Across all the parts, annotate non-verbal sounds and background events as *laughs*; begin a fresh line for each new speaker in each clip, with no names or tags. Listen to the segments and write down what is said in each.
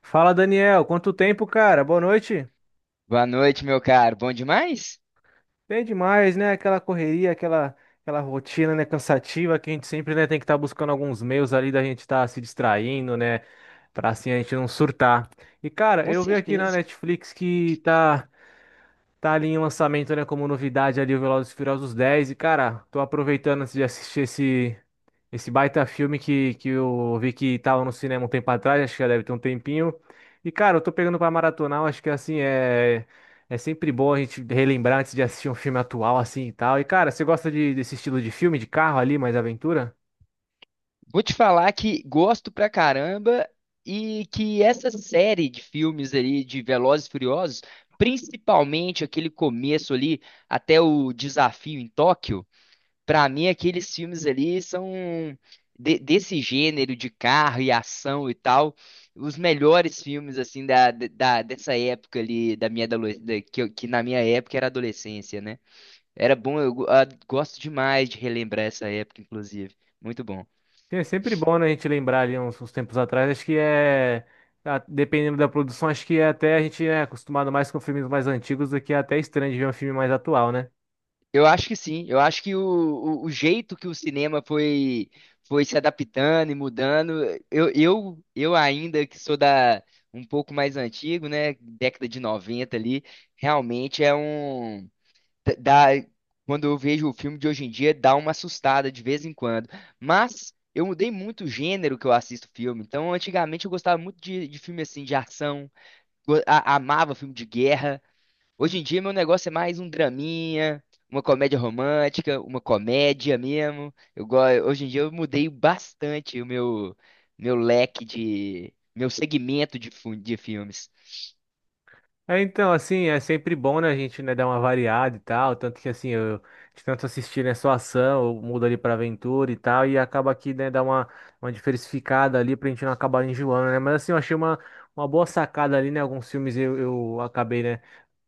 Fala, Daniel. Quanto tempo, cara? Boa noite.
Boa noite, meu caro. Bom demais?
Bem demais, né? Aquela correria, aquela rotina, né? Cansativa que a gente sempre, né, tem que estar buscando alguns meios ali da gente estar se distraindo, né? Pra assim a gente não surtar. E, cara,
Com
eu vi aqui na
certeza.
Netflix que tá. Tá ali em lançamento, né, como novidade ali o Velozes e Furiosos 10. E cara, tô aproveitando antes de assistir esse baita filme que eu vi que tava no cinema um tempo atrás, acho que já deve ter um tempinho. E cara, eu tô pegando pra maratonar, eu acho que assim é sempre bom a gente relembrar antes de assistir um filme atual assim e tal. E cara, você gosta desse estilo de filme de carro ali, mais aventura?
Vou te falar que gosto pra caramba e que essa série de filmes ali de Velozes e Furiosos, principalmente aquele começo ali até o desafio em Tóquio, pra mim aqueles filmes ali são desse gênero de carro e ação e tal, os melhores filmes assim da dessa época ali da minha adolescência, que, que na minha época era adolescência, né? Era bom, gosto demais de relembrar essa época, inclusive. Muito bom.
É sempre bom, né, a gente lembrar ali uns tempos atrás. Acho que é, dependendo da produção, acho que é até a gente é acostumado mais com filmes mais antigos do que é até estranho de ver um filme mais atual, né?
Eu acho que sim, eu acho o jeito que o cinema foi, foi se adaptando e mudando, eu ainda que sou da um pouco mais antigo, né, década de 90 ali, realmente é dá, quando eu vejo o filme de hoje em dia, dá uma assustada de vez em quando. Mas eu mudei muito o gênero que eu assisto filme. Então, antigamente eu gostava muito de filme assim de ação amava filme de guerra. Hoje em dia, meu negócio é mais um draminha, uma comédia romântica, uma comédia mesmo. Hoje em dia, eu mudei bastante o meu, meu leque de. Meu segmento de filmes.
É, então, assim, é sempre bom, né, a gente, né, dar uma variada e tal. Tanto que, assim, eu de tanto assistir, né, só ação, eu mudo ali pra aventura e tal. E acaba que, né, dá uma diversificada ali pra gente não acabar enjoando, né? Mas, assim, eu achei uma boa sacada ali, né? Alguns filmes eu acabei, né,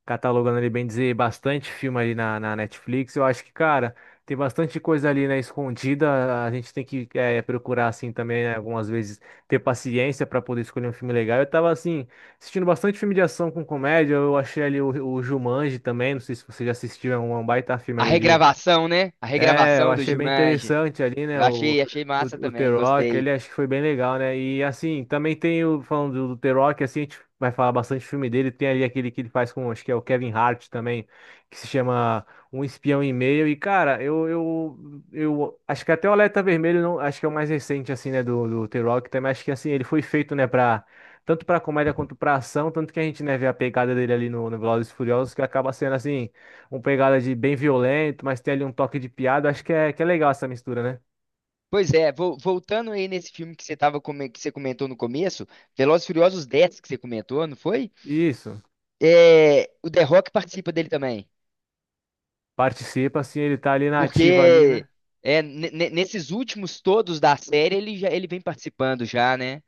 catalogando ali, bem dizer, bastante filme ali na Netflix. Eu acho que, cara, tem bastante coisa ali, né, escondida. A gente tem que procurar, assim, também, né, algumas vezes, ter paciência para poder escolher um filme legal. Eu tava, assim, assistindo bastante filme de ação com comédia. Eu achei ali o Jumanji também. Não sei se você já assistiu, é um baita filme
A
ali.
regravação, né? A
É, eu
regravação do
achei bem
Jumanji.
interessante ali, né? O,
Achei
o,
massa
o The
também,
Rock,
gostei.
ele acho que foi bem legal, né? E assim, também tem o, falando do The Rock, assim, a gente vai falar bastante do filme dele. Tem ali aquele que ele faz com, acho que é o Kevin Hart também, que se chama Um Espião e Meio. E cara, eu acho que até o Alerta Vermelho, não, acho que é o mais recente, assim, né? Do The Rock também. Acho que assim, ele foi feito, né, pra. Tanto pra comédia quanto pra ação, tanto que a gente, né, vê a pegada dele ali no Velozes e Furiosos, que acaba sendo assim uma pegada de bem violento, mas tem ali um toque de piada. Acho que que é legal essa mistura, né?
Pois é, voltando aí nesse filme que você tava, que você comentou no começo, Velozes e Furiosos 10 que você comentou, não foi?
Isso.
É, o The Rock participa dele também.
Participa, assim, ele tá ali na ativa ali,
Porque
né?
é, nesses últimos todos da série ele já ele vem participando já, né?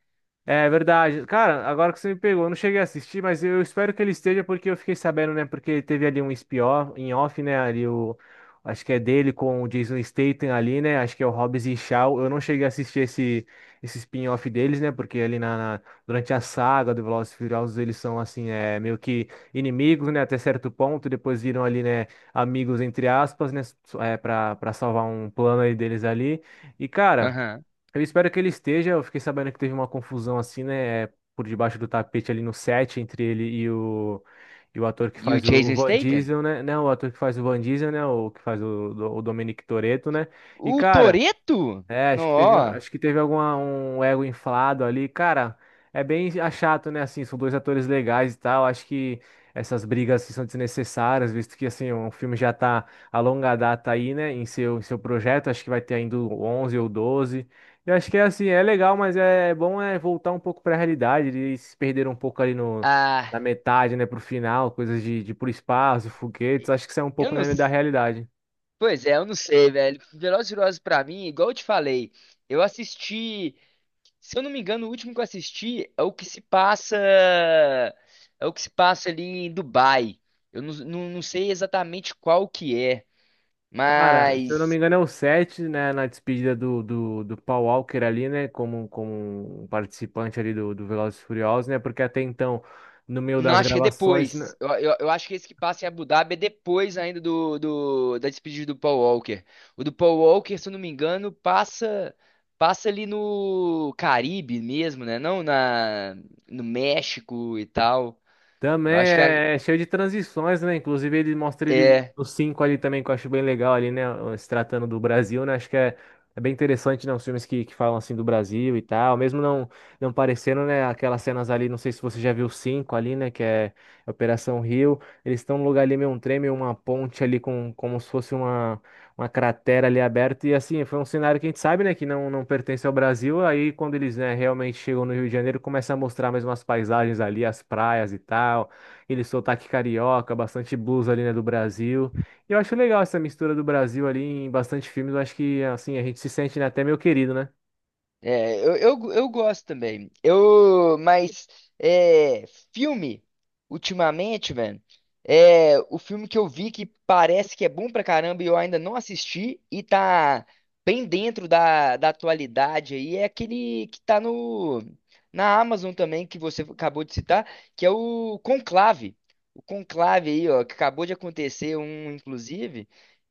É verdade. Cara, agora que você me pegou, eu não cheguei a assistir, mas eu espero que ele esteja, porque eu fiquei sabendo, né? Porque teve ali um spin-off, em off, né? Ali o. Acho que é dele com o Jason Statham ali, né? Acho que é o Hobbs e Shaw. Eu não cheguei a assistir esse spin-off deles, né? Porque ali na durante a saga do Velozes e Furiosos eles são, assim, é, meio que inimigos, né? Até certo ponto. Depois viram ali, né, amigos, entre aspas, né? É, pra salvar um plano aí deles ali. E, cara.
Aham.
Eu espero que ele esteja. Eu fiquei sabendo que teve uma confusão assim, né? Por debaixo do tapete ali no set entre ele e o ator que
E o
faz o
Jason
Van
Statham?
Diesel, né? Não, o ator que faz o Van Diesel, né? O que faz o Dominic Toretto, né? E
O
cara.
Toretto?
É,
Não, ó.
acho que teve alguma, um ego inflado ali. Cara, é bem chato, né? Assim, são dois atores legais e tal. Acho que essas brigas assim, são desnecessárias, visto que assim, o filme já tá a longa data aí, né? Em seu projeto. Acho que vai ter ainda o 11 ou doze. Eu acho que é assim, é legal, mas é bom é voltar um pouco pra realidade. Eles se perderam um pouco ali no,
Ah,
na metade, né? Pro final, coisas de ir pro espaço, foguetes. Acho que isso é um
eu
pouco,
não.
né, da
s-
realidade.
pois é, eu não sei, velho. Velozes e Furiosos pra mim, igual eu te falei, eu assisti. Se eu não me engano, o último que eu assisti é o que se passa. É o que se passa ali em Dubai. Eu não, não, não sei exatamente qual que é,
Cara, se eu não me
mas.
engano, é o 7, né? Na despedida do Paul Walker ali, né? Como, como um participante ali do Velozes e Furiosos, né? Porque até então, no meio
Não,
das
acho que é
gravações.
depois. Eu acho que esse que passa em Abu Dhabi é depois ainda do da despedida do Paul Walker. O do Paul Walker, se eu não me engano, passa passa ali no Caribe mesmo, né? Não na no México e tal.
Também
Eu acho que é,
é é cheio de transições, né? Inclusive, ele mostra ele,
é.
os cinco ali também, que eu acho bem legal ali, né? Se tratando do Brasil, né? Acho que é, é bem interessante, né? Os filmes que falam assim do Brasil e tal, mesmo não, não parecendo, né? Aquelas cenas ali, não sei se você já viu os cinco ali, né? Que é Operação Rio. Eles estão num lugar ali meio um trem, meio uma ponte ali, com, como se fosse uma cratera ali aberta. E assim, foi um cenário que a gente sabe, né, que não, não pertence ao Brasil. Aí, quando eles, né, realmente chegam no Rio de Janeiro, começa a mostrar mais umas paisagens ali, as praias e tal. Ele sotaque carioca, bastante blues ali, né, do Brasil. E eu acho legal essa mistura do Brasil ali em bastante filmes. Eu acho que, assim, a gente se sente, né, até meio querido, né?
É, eu gosto também. Eu, mas é, filme, ultimamente, mano, é o filme que eu vi que parece que é bom pra caramba e eu ainda não assisti e tá bem dentro da atualidade aí, é aquele que tá no, na Amazon também, que você acabou de citar, que é o Conclave. O Conclave aí, ó, que acabou de acontecer um, inclusive.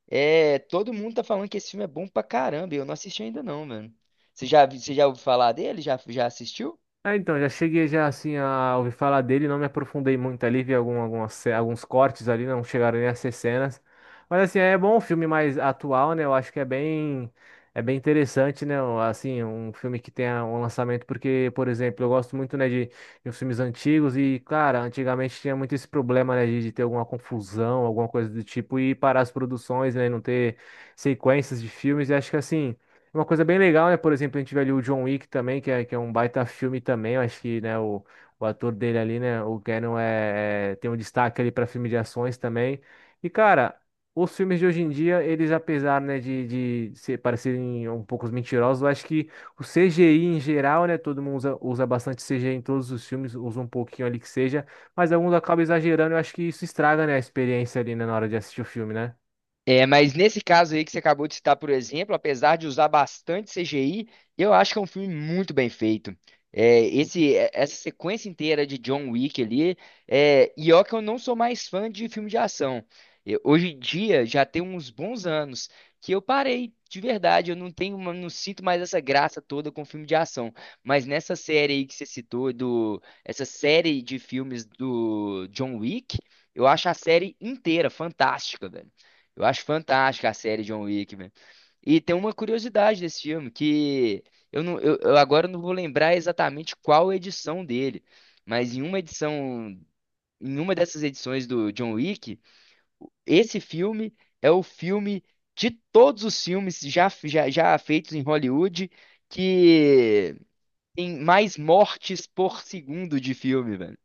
É, todo mundo tá falando que esse filme é bom pra caramba. E eu não assisti ainda não, mano. Você já ouviu falar dele? Já assistiu?
Ah, então, já cheguei já assim a ouvir falar dele, não me aprofundei muito ali, vi algum, algumas, alguns cortes ali, não chegaram nem a ser cenas. Mas assim, é bom um filme mais atual, né? Eu acho que é bem interessante, né? Assim, um filme que tenha um lançamento, porque, por exemplo, eu gosto muito, né, de uns filmes antigos e, cara, antigamente tinha muito esse problema, né, de ter alguma confusão, alguma coisa do tipo, e parar as produções, né, e não ter sequências de filmes, e acho que assim. É uma coisa bem legal, né? Por exemplo, a gente vê ali o John Wick também, que é um baita filme também. Eu acho que, né, o ator dele ali, né, o Keanu tem um destaque ali para filme de ações também. E, cara, os filmes de hoje em dia, eles, apesar, né, de ser, parecerem um pouco mentirosos, eu acho que o CGI em geral, né, todo mundo usa bastante CGI em todos os filmes, usa um pouquinho ali que seja, mas alguns acabam exagerando. Eu acho que isso estraga, né, a experiência ali, né, na hora de assistir o filme, né?
É, mas nesse caso aí que você acabou de citar, por exemplo, apesar de usar bastante CGI, eu acho que é um filme muito bem feito. É, essa sequência inteira de John Wick ali, é, e ó que eu não sou mais fã de filme de ação. Hoje em dia, já tem uns bons anos que eu parei, de verdade, eu não tenho, uma- não sinto mais essa graça toda com filme de ação. Mas nessa série aí que você citou, do, essa série de filmes do John Wick, eu acho a série inteira fantástica, velho. Eu acho fantástica a série John Wick, velho. E tem uma curiosidade desse filme, que eu agora não vou lembrar exatamente qual edição dele, mas em uma edição, em uma dessas edições do John Wick, esse filme é o filme de todos os filmes já feitos em Hollywood que tem mais mortes por segundo de filme, velho.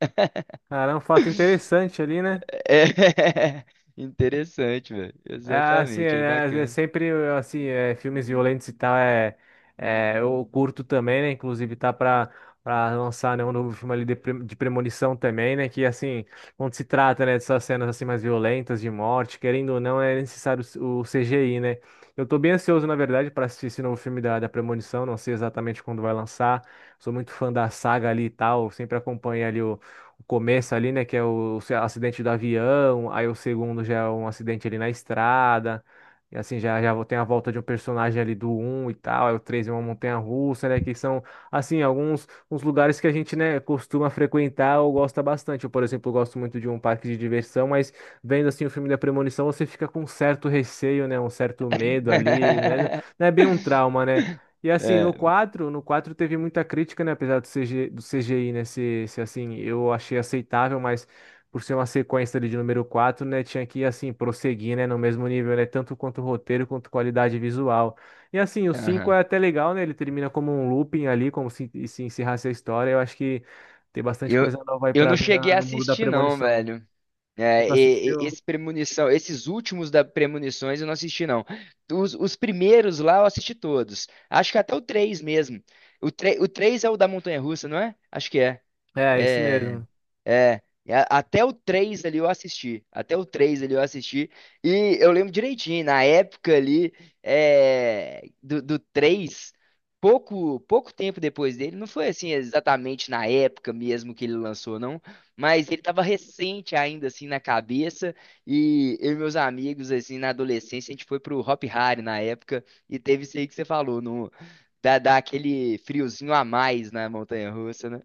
Cara, é um fato interessante ali, né?
*laughs* É interessante, velho.
É, assim,
Exatamente, é
é, é
bacana.
sempre, filmes violentos e tal, eu curto também, né, inclusive tá pra lançar, né, um novo filme ali de, de Premonição também, né, que, assim, quando se trata, né, dessas cenas, assim, mais violentas, de morte, querendo ou não, é necessário o CGI, né. Eu tô bem ansioso, na verdade, pra assistir esse novo filme da Premonição, não sei exatamente quando vai lançar, sou muito fã da saga ali e tal, sempre acompanho ali o começo ali, né, que é o acidente do avião, aí o segundo já é um acidente ali na estrada, e assim, já, já tem a volta de um personagem ali do um e tal, aí o 3 é uma montanha-russa, né, que são, assim, alguns uns lugares que a gente, né, costuma frequentar ou gosta bastante. Eu, por exemplo, gosto muito de um parque de diversão, mas vendo, assim, o filme da Premonição, você fica com um certo receio, né, um certo medo ali, né,
*laughs*
não é bem um trauma, né, e assim,
É,
no 4 teve muita crítica, né? Apesar do CG, do CGI, né? Se assim, eu achei aceitável, mas por ser uma sequência ali de número quatro, né? Tinha que, assim, prosseguir, né? No mesmo nível, né? Tanto quanto o roteiro, quanto qualidade visual. E assim, o 5
aham.
é até legal, né? Ele termina como um looping ali, como se encerrasse a história. Eu acho que tem bastante
Eu,
coisa nova aí
eu
pra
não
vir
cheguei a
no mundo da
assistir, não,
premonição.
velho. É,
Nunca assistiu?
esse premonição, esses últimos da Premonições eu não assisti, não. Os primeiros lá eu assisti todos. Acho que até o 3 mesmo. O 3, o 3 é o da Montanha-Russa, não é? Acho que é.
É, esse
É,
mesmo.
é, até o 3 ali eu assisti. Até o 3 ali eu assisti. E eu lembro direitinho, na época ali, é, do, do 3 pouco tempo depois dele, não foi assim exatamente na época mesmo que ele lançou, não. Mas ele tava recente ainda, assim, na cabeça. E eu e meus amigos, assim, na adolescência, a gente foi pro Hop Hari na época. E teve isso aí que você falou, no, dá aquele friozinho a mais na montanha-russa, né?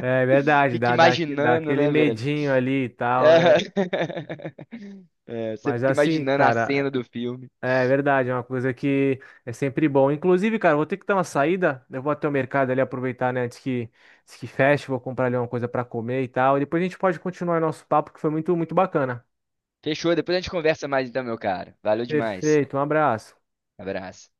É verdade,
Fica
dá
imaginando,
aquele
né,
medinho ali e
é,
tal, né?
*laughs* é, você
Mas
fica
assim,
imaginando a
cara,
cena do filme.
é verdade, é uma coisa que é sempre bom. Inclusive, cara, eu vou ter que dar uma saída. Eu vou até o mercado ali aproveitar, né, antes que feche, vou comprar ali uma coisa para comer e tal. E depois a gente pode continuar nosso papo, que foi muito bacana.
Fechou, depois a gente conversa mais então, meu cara. Valeu demais.
Perfeito, um abraço.
Abraço.